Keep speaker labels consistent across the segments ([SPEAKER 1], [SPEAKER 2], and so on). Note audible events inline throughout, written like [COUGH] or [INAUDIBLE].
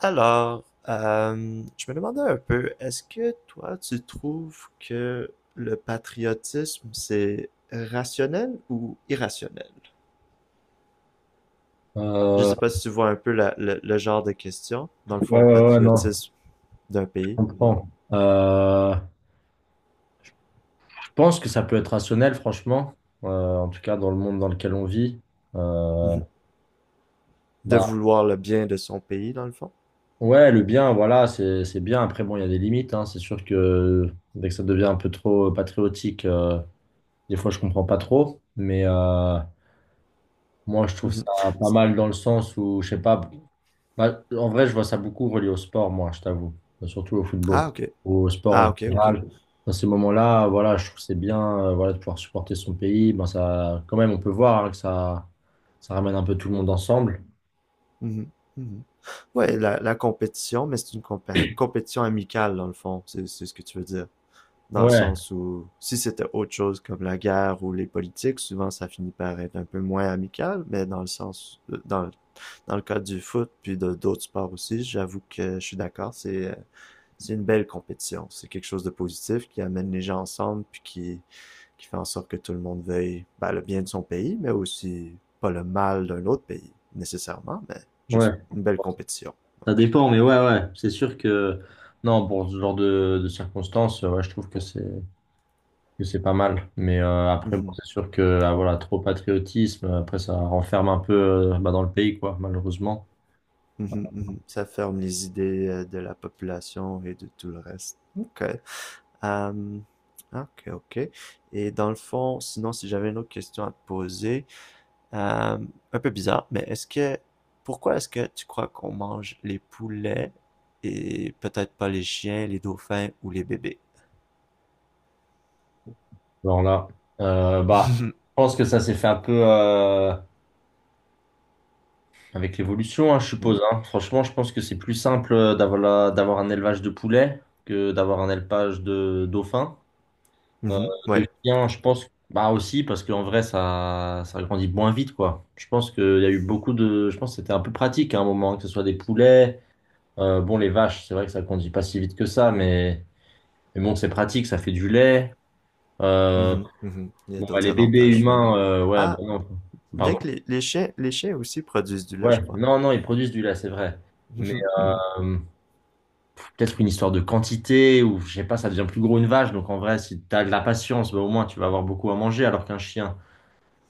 [SPEAKER 1] Alors, je me demandais un peu, est-ce que toi, tu trouves que le patriotisme, c'est rationnel ou irrationnel? Je
[SPEAKER 2] Euh,
[SPEAKER 1] sais pas si tu vois un peu le genre de question, dans le
[SPEAKER 2] ouais,
[SPEAKER 1] fond,
[SPEAKER 2] ouais, ouais, non,
[SPEAKER 1] patriotisme d'un
[SPEAKER 2] je
[SPEAKER 1] pays, ouais.
[SPEAKER 2] comprends. Je pense que ça peut être rationnel, franchement, en tout cas dans le monde dans lequel on vit. Euh,
[SPEAKER 1] Mhm. De
[SPEAKER 2] bah,
[SPEAKER 1] vouloir le bien de son pays, dans le fond.
[SPEAKER 2] ouais, le bien, voilà, c'est bien. Après, bon, il y a des limites, hein. C'est sûr que dès que ça devient un peu trop patriotique, des fois, je comprends pas trop. Mais moi, je trouve ça
[SPEAKER 1] Mhm.
[SPEAKER 2] pas mal dans le sens où, je sais pas, bah, en vrai, je vois ça beaucoup relié au sport, moi, je t'avoue. Bah, surtout au football,
[SPEAKER 1] Ah, ok.
[SPEAKER 2] au sport en
[SPEAKER 1] Ah, ok, ok.
[SPEAKER 2] général. Dans ces moments-là, voilà, je trouve que c'est bien voilà, de pouvoir supporter son pays. Ben, ça, quand même, on peut voir hein, ça ramène un peu tout le monde ensemble.
[SPEAKER 1] Mhm. Mhm. Ouais, la compétition, mais c'est une compétition amicale, dans le fond, c'est ce que tu veux dire. Dans le
[SPEAKER 2] Ouais,
[SPEAKER 1] sens où si c'était autre chose comme la guerre ou les politiques, souvent ça finit par être un peu moins amical, mais dans le sens, dans le cas du foot puis de d'autres sports aussi, j'avoue que je suis d'accord, c'est une belle compétition, c'est quelque chose de positif qui amène les gens ensemble puis qui fait en sorte que tout le monde veuille ben, le bien de son pays, mais aussi pas le mal d'un autre pays nécessairement, mais juste
[SPEAKER 2] ouais.
[SPEAKER 1] une belle compétition.
[SPEAKER 2] Ça dépend, mais ouais, ouais. C'est sûr que, non, pour ce genre de circonstances, ouais, je trouve que c'est pas mal. Mais
[SPEAKER 1] Ouais.
[SPEAKER 2] après, bon,
[SPEAKER 1] Mm
[SPEAKER 2] c'est sûr que, ah, voilà, trop patriotisme, après, ça renferme un peu dans le pays, quoi, malheureusement.
[SPEAKER 1] -hmm. Ça ferme les idées de la population et de tout le reste. Ok. Euh, ok, ok. Et dans le fond, sinon, si j'avais une autre question à te poser, euh, un peu bizarre, mais est-ce que, pourquoi est-ce que tu crois qu'on mange les poulets et peut-être pas les chiens, les dauphins ou les bébés?
[SPEAKER 2] Voilà. Euh, bah, je
[SPEAKER 1] [LAUGHS]
[SPEAKER 2] pense que ça s'est fait un peu avec l'évolution, hein, je suppose. Hein. Franchement, je pense que c'est plus simple d'avoir un élevage de poulets que d'avoir un élevage de dauphins. Euh,
[SPEAKER 1] Mhm,
[SPEAKER 2] de
[SPEAKER 1] ouais.
[SPEAKER 2] chiens, je pense, bah aussi, parce qu'en vrai, ça grandit moins vite, quoi. Je pense qu'il y a eu beaucoup de. Je pense que c'était un peu pratique hein, à un moment, hein, que ce soit des poulets. Bon, les vaches, c'est vrai que ça grandit pas si vite que ça, mais bon, c'est pratique, ça fait du lait. Euh,
[SPEAKER 1] Mhm, mhm. Il y a d'autres
[SPEAKER 2] les bébés
[SPEAKER 1] avantages, oui.
[SPEAKER 2] humains, ouais, bah
[SPEAKER 1] Ah,
[SPEAKER 2] non.
[SPEAKER 1] bien
[SPEAKER 2] Pardon?
[SPEAKER 1] que les chiens aussi produisent du lait,
[SPEAKER 2] Ouais,
[SPEAKER 1] je crois.
[SPEAKER 2] non, non, ils produisent du lait, c'est vrai. Mais euh, peut-être une histoire de quantité, ou je sais pas, ça devient plus gros une vache. Donc en vrai, si t'as de la patience, bah, au moins tu vas avoir beaucoup à manger, alors qu'un chien,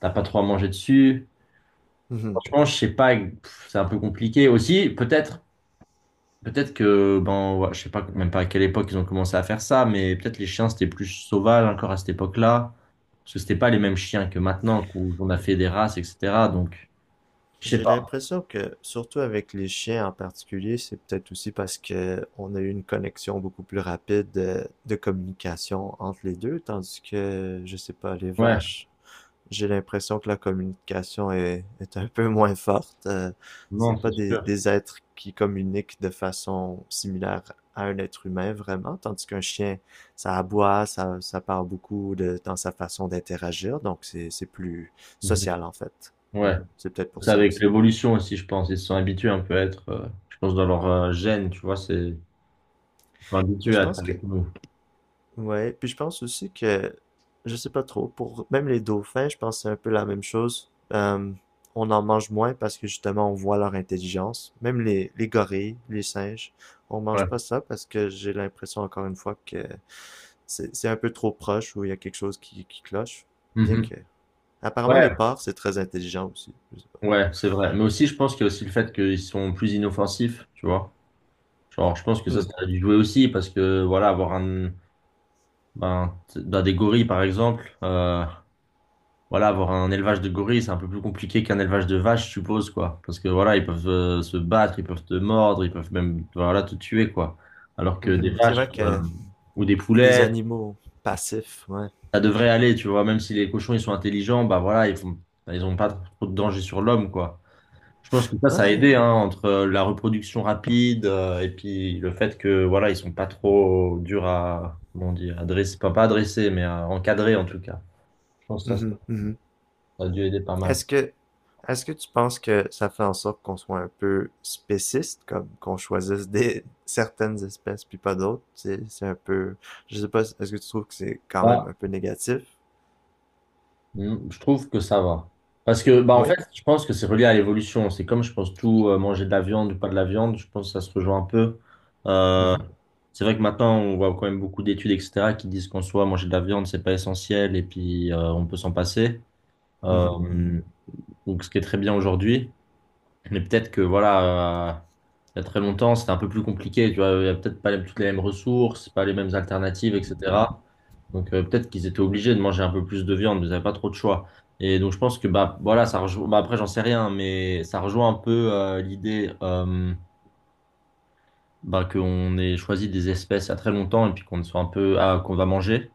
[SPEAKER 2] t'as pas trop à manger dessus.
[SPEAKER 1] [LAUGHS]
[SPEAKER 2] Franchement, je sais pas, pff, c'est un peu compliqué. Aussi, peut-être que, ben, ouais, je sais pas même pas à quelle époque ils ont commencé à faire ça, mais peut-être les chiens c'était plus sauvage encore à cette époque-là, parce que c'était pas les mêmes chiens que maintenant, où on a fait des races, etc. Donc, je sais
[SPEAKER 1] J'ai
[SPEAKER 2] pas.
[SPEAKER 1] l'impression que, surtout avec les chiens en particulier, c'est peut-être aussi parce que on a eu une connexion beaucoup plus rapide de communication entre les deux, tandis que, je sais pas, les
[SPEAKER 2] Ouais,
[SPEAKER 1] vaches, j'ai l'impression que la communication est un peu moins forte. Euh,
[SPEAKER 2] non,
[SPEAKER 1] c'est pas
[SPEAKER 2] c'est
[SPEAKER 1] des,
[SPEAKER 2] sûr.
[SPEAKER 1] des êtres qui communiquent de façon similaire à un être humain vraiment, tandis qu'un chien, ça aboie, ça parle beaucoup de, dans sa façon d'interagir, donc c'est plus
[SPEAKER 2] Mhm.
[SPEAKER 1] social en fait. Ouais,
[SPEAKER 2] Ouais.
[SPEAKER 1] c'est peut-être pour
[SPEAKER 2] C'est
[SPEAKER 1] ça
[SPEAKER 2] avec
[SPEAKER 1] aussi.
[SPEAKER 2] l'évolution aussi, je pense. Ils se sont habitués un peu à être, je pense, dans leur gène, tu vois, c'est, ils sont
[SPEAKER 1] Mais
[SPEAKER 2] habitués
[SPEAKER 1] je
[SPEAKER 2] à être
[SPEAKER 1] pense que,
[SPEAKER 2] avec nous.
[SPEAKER 1] ouais, puis je pense aussi que, je sais pas trop, pour même les dauphins, je pense que c'est un peu la même chose. On en mange moins parce que justement on voit leur intelligence. Même les gorilles, les singes, on mange pas
[SPEAKER 2] Ouais.
[SPEAKER 1] ça parce que j'ai l'impression encore une fois que c'est un peu trop proche ou il y a quelque chose qui cloche. Bien
[SPEAKER 2] Mhm.
[SPEAKER 1] que, apparemment les
[SPEAKER 2] Ouais,
[SPEAKER 1] porcs, c'est très intelligent aussi. Je sais pas.
[SPEAKER 2] ouais, c'est vrai. Mais aussi, je pense qu'il y a aussi le fait qu'ils sont plus inoffensifs, tu vois. Genre, je pense que
[SPEAKER 1] Hmm.
[SPEAKER 2] ça a dû jouer aussi parce que, voilà, avoir un, ben, t- dans des gorilles, par exemple, voilà, avoir un élevage de gorilles, c'est un peu plus compliqué qu'un élevage de vaches, je suppose, quoi. Parce que, voilà, ils peuvent se battre, ils peuvent te mordre, ils peuvent même, voilà, te tuer, quoi. Alors que des
[SPEAKER 1] Mhm. C'est
[SPEAKER 2] vaches,
[SPEAKER 1] vrai que
[SPEAKER 2] ou des
[SPEAKER 1] des
[SPEAKER 2] poulets,
[SPEAKER 1] animaux passifs, ouais.
[SPEAKER 2] ça devrait aller, tu vois, même si les cochons, ils sont intelligents, bah voilà, ils font, bah, ils ont pas trop de danger sur l'homme, quoi. Je pense que ça a aidé,
[SPEAKER 1] Ouais.
[SPEAKER 2] hein, entre la reproduction rapide et puis le fait que, voilà, ils sont pas trop durs à, comment dire, à dresser, pas, pas à dresser, mais à encadrer, en tout cas. Je pense que
[SPEAKER 1] Mhm, mhm.
[SPEAKER 2] ça a dû aider pas mal.
[SPEAKER 1] Est-ce que, est-ce que tu penses que ça fait en sorte qu'on soit un peu spéciste, comme qu'on choisisse des [LAUGHS] certaines espèces puis pas d'autres? C'est un peu, je sais pas, est-ce que tu trouves que c'est quand même
[SPEAKER 2] Bah,
[SPEAKER 1] un peu négatif?
[SPEAKER 2] mm, je trouve que ça va. Parce que, bah, en fait,
[SPEAKER 1] Oui.
[SPEAKER 2] je pense que c'est relié à l'évolution. C'est comme, je pense, tout manger de la viande ou pas de la viande, je pense que ça se rejoint un peu. euh,
[SPEAKER 1] Mhm,
[SPEAKER 2] C'est vrai que maintenant, on voit quand même beaucoup d'études, etc., qui disent qu'en soi, manger de la viande, c'est pas essentiel et puis on peut s'en passer.
[SPEAKER 1] mhm, mhm,
[SPEAKER 2] Euh, donc, ce qui est très bien aujourd'hui. Mais peut-être que, voilà, il y a très longtemps, c'était un peu plus compliqué. Tu vois, il y a peut-être pas les- toutes les mêmes ressources, pas les mêmes alternatives, etc. Donc, peut-être qu'ils étaient obligés de manger un peu plus de viande, mais ils n'avaient pas trop de choix. Et donc, je pense que, bah, voilà, ça rejoint, bah, après, j'en sais rien, mais ça rejoint un peu l'idée. Qu'on ait choisi des espèces il y a très longtemps et puis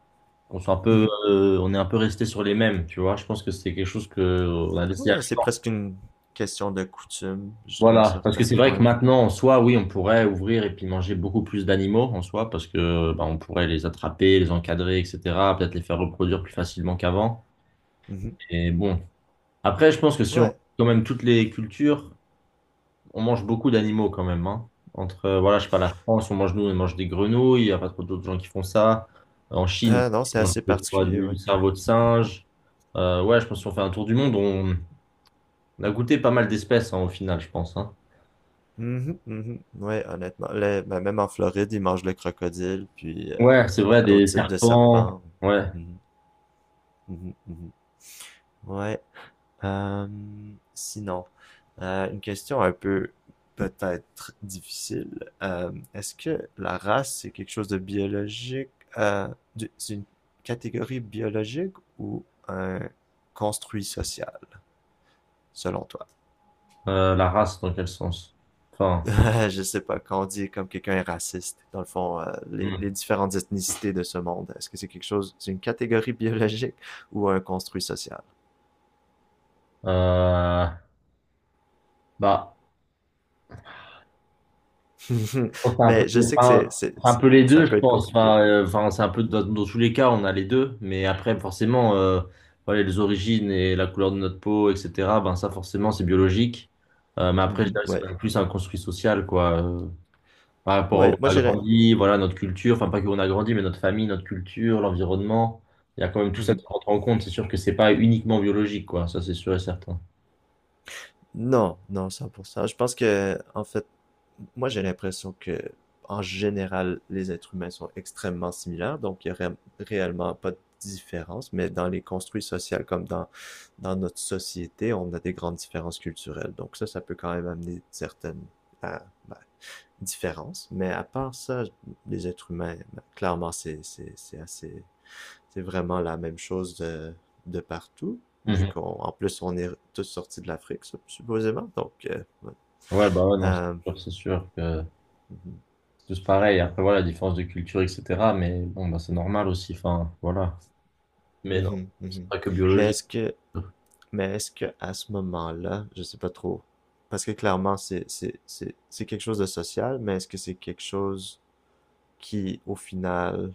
[SPEAKER 2] qu'on soit un peu
[SPEAKER 1] mhm.
[SPEAKER 2] on est un peu resté sur les mêmes, tu vois. Je pense que c'est quelque chose que on a laissé aller.
[SPEAKER 1] Ouais, c'est presque une question de coutume jusqu'à un
[SPEAKER 2] Voilà, parce que
[SPEAKER 1] certain
[SPEAKER 2] c'est vrai que
[SPEAKER 1] point.
[SPEAKER 2] maintenant en soi, oui, on pourrait ouvrir et puis manger beaucoup plus d'animaux en soi parce que bah, on pourrait les attraper, les encadrer, etc. Peut-être les faire reproduire plus facilement qu'avant.
[SPEAKER 1] Mhm.
[SPEAKER 2] Et bon, après, je pense que si on
[SPEAKER 1] Ouais.
[SPEAKER 2] quand même toutes les cultures on mange beaucoup d'animaux quand même, hein. Entre, voilà, je sais pas, la France, nous, on mange des grenouilles, il n'y a pas trop d'autres gens qui font ça. En Chine,
[SPEAKER 1] Ah non, c'est
[SPEAKER 2] on mange
[SPEAKER 1] assez
[SPEAKER 2] des fois
[SPEAKER 1] particulier,
[SPEAKER 2] du
[SPEAKER 1] ouais.
[SPEAKER 2] cerveau de singe. Ouais, je pense qu'on fait un tour du monde, on a goûté pas mal d'espèces, hein, au final, je pense, hein.
[SPEAKER 1] Mhm, mhm. Ouais, honnêtement, ben, même en Floride, ils mangent le crocodile, puis
[SPEAKER 2] Ouais, c'est vrai,
[SPEAKER 1] ben, d'autres
[SPEAKER 2] des
[SPEAKER 1] types de
[SPEAKER 2] serpents,
[SPEAKER 1] serpents.
[SPEAKER 2] ouais.
[SPEAKER 1] Mhm, mhm, mhm. Ouais. Euh, sinon, une question un peu peut-être difficile. Est-ce que la race, c'est quelque chose de biologique? Euh, c'est une catégorie biologique ou un construit social, selon toi?
[SPEAKER 2] La race, dans quel sens? Enfin,
[SPEAKER 1] [LAUGHS] Je sais pas, quand on dit comme quelqu'un est raciste, dans le fond, les
[SPEAKER 2] hmm.
[SPEAKER 1] différentes ethnicités de ce monde, est-ce que c'est quelque chose, c'est une catégorie biologique ou un construit social?
[SPEAKER 2] Euh, bah,
[SPEAKER 1] [LAUGHS]
[SPEAKER 2] pense que c'est un peu,
[SPEAKER 1] Mais je sais que
[SPEAKER 2] enfin, c'est un peu les
[SPEAKER 1] ça
[SPEAKER 2] deux, je
[SPEAKER 1] peut être
[SPEAKER 2] pense.
[SPEAKER 1] compliqué.
[SPEAKER 2] Enfin, c'est un peu dans tous les cas, on a les deux. Mais après, forcément, voilà, les origines et la couleur de notre peau, etc. Ben ça, forcément, c'est biologique. Mais après, je
[SPEAKER 1] Mhm.
[SPEAKER 2] dirais que c'est
[SPEAKER 1] Ouais.
[SPEAKER 2] quand même plus un construit social, quoi. Par rapport à où
[SPEAKER 1] Ouais, moi
[SPEAKER 2] on a
[SPEAKER 1] j'ai la-.
[SPEAKER 2] grandi, voilà, notre culture. Enfin, pas que où on a grandi, mais notre famille, notre culture, l'environnement. Il y a quand même tout ça
[SPEAKER 1] Mhm.
[SPEAKER 2] qui rentre en compte. C'est sûr que c'est pas uniquement biologique, quoi. Ça, c'est sûr et certain.
[SPEAKER 1] Non, non, 100%. Je pense que, en fait, moi j'ai l'impression que, en général, les êtres humains sont extrêmement similaires, donc il n'y aurait réellement pas de différence, mais dans les construits sociaux comme dans notre société, on a des grandes différences culturelles. Donc ça peut quand même amener certaines euh, ben, différences, mais à part ça, les êtres humains, ben, clairement, c'est vraiment la même chose de partout, vu
[SPEAKER 2] Mhm.
[SPEAKER 1] qu'on, en plus, on est tous sortis de l'Afrique, supposément. Donc, ouais.
[SPEAKER 2] Ouais, bah ouais, non,
[SPEAKER 1] Euh,
[SPEAKER 2] c'est sûr que.
[SPEAKER 1] mhm,
[SPEAKER 2] C'est tous pareil. Après, voilà, différence de culture, etc. Mais bon, bah, c'est normal aussi. Enfin, voilà. Mais non,
[SPEAKER 1] mhm,
[SPEAKER 2] c'est
[SPEAKER 1] mhm.
[SPEAKER 2] pas que
[SPEAKER 1] Mais
[SPEAKER 2] biologique.
[SPEAKER 1] est-ce que, mais est-ce que à ce moment-là, je sais pas trop, parce que clairement, c'est quelque chose de social, mais est-ce que c'est quelque chose qui, au final,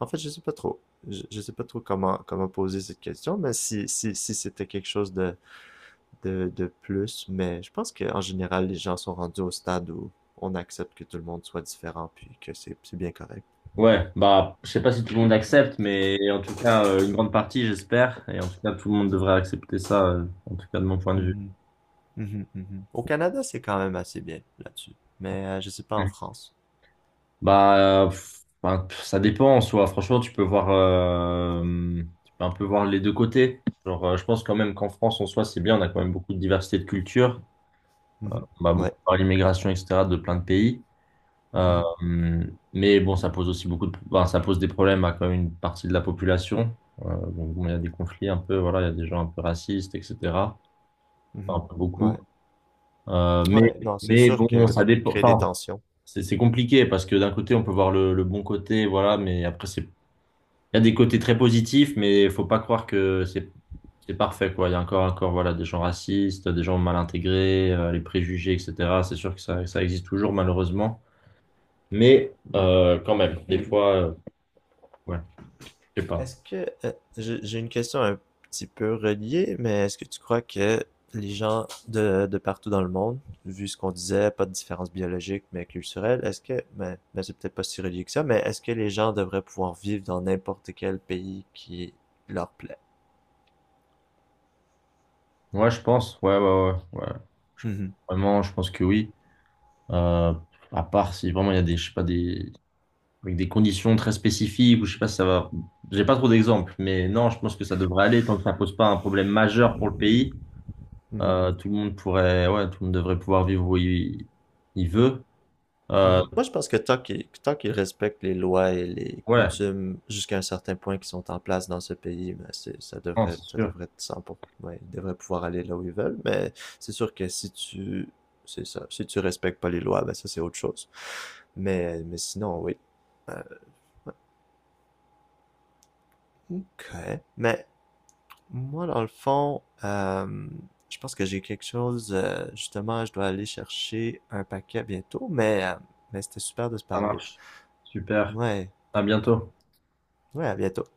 [SPEAKER 1] en fait, je sais pas trop. Je sais pas trop comment, poser cette question, mais si c'était quelque chose de plus, mais je pense qu'en général, les gens sont rendus au stade où on accepte que tout le monde soit différent, puis que c'est bien correct.
[SPEAKER 2] Ouais, bah, je sais pas si tout le monde accepte, mais en tout cas, une grande partie, j'espère. Et en tout cas, tout le monde devrait accepter ça, en tout cas, de mon point de vue.
[SPEAKER 1] Mhm, mhm, mhm. Au Canada, c'est quand même assez bien là-dessus, mais je sais pas en
[SPEAKER 2] Mhm.
[SPEAKER 1] France.
[SPEAKER 2] Bah, ça dépend en soi. Franchement, tu peux un peu voir les deux côtés. Genre, je pense quand même qu'en France, en soi, c'est bien. On a quand même beaucoup de diversité de culture.
[SPEAKER 1] Mhm.
[SPEAKER 2] Bah, beaucoup
[SPEAKER 1] Ouais.
[SPEAKER 2] par l'immigration, etc., de plein de pays. Euh,
[SPEAKER 1] Mhm,
[SPEAKER 2] mais bon, ça pose aussi beaucoup de, enfin, ça pose des problèmes à quand même une partie de la population. Donc, bon, il y a des conflits un peu, voilà, il y a des gens un peu racistes, etc.
[SPEAKER 1] mhm.
[SPEAKER 2] Enfin, un peu beaucoup.
[SPEAKER 1] Ouais,
[SPEAKER 2] Euh, mais,
[SPEAKER 1] ouais, non, c'est
[SPEAKER 2] mais
[SPEAKER 1] sûr que
[SPEAKER 2] bon, ça
[SPEAKER 1] ça peut
[SPEAKER 2] dépend.
[SPEAKER 1] créer des
[SPEAKER 2] Enfin,
[SPEAKER 1] tensions.
[SPEAKER 2] c'est compliqué parce que d'un côté, on peut voir le bon côté, voilà, mais après, il y a des côtés très positifs, mais faut pas croire que c'est parfait, quoi. Il y a encore, voilà, des gens racistes, des gens mal intégrés, les préjugés, etc. C'est sûr que ça existe toujours, malheureusement. Mais quand même, des fois. Ouais, je sais pas.
[SPEAKER 1] Est-ce que j'ai une question un petit peu reliée, mais est-ce que tu crois que les gens de partout dans le monde, vu ce qu'on disait, pas de différence biologique mais culturelle, est-ce que, mais c'est peut-être pas si relié que ça, mais est-ce que les gens devraient pouvoir vivre dans n'importe quel pays qui leur plaît?
[SPEAKER 2] Ouais, je pense. Ouais, ouais, ouais, ouais. Je-
[SPEAKER 1] Mhm.
[SPEAKER 2] vraiment, je pense que oui. Euh, à part si vraiment il y a des, je sais pas, des, avec des conditions très spécifiques ou je sais pas si ça va. J'ai pas trop d'exemples, mais non, je pense que ça devrait aller tant que ça pose pas un problème majeur pour le pays.
[SPEAKER 1] Mhm.
[SPEAKER 2] Tout le monde pourrait, ouais, tout le monde devrait pouvoir vivre où il veut. Euh,
[SPEAKER 1] Mhm. Moi, je pense que tant qu'ils respectent les lois et les
[SPEAKER 2] ouais,
[SPEAKER 1] coutumes jusqu'à un certain point qui sont en place dans ce pays, ben c'est, ça
[SPEAKER 2] non,
[SPEAKER 1] devrait,
[SPEAKER 2] c'est
[SPEAKER 1] ça
[SPEAKER 2] sûr.
[SPEAKER 1] devrait être 100 pour cent. Ouais, ils devraient pouvoir aller là où ils veulent. Mais c'est sûr que si tu, c'est ça, si tu respectes pas les lois, ben ça c'est autre chose. Mais sinon, oui. Euh, ok. Mais moi, dans le fond, je pense que j'ai quelque chose. Justement, je dois aller chercher un paquet bientôt. Mais c'était super de se
[SPEAKER 2] Ça
[SPEAKER 1] parler.
[SPEAKER 2] marche. Super.
[SPEAKER 1] Ouais,
[SPEAKER 2] À bientôt.
[SPEAKER 1] ouais, à bientôt.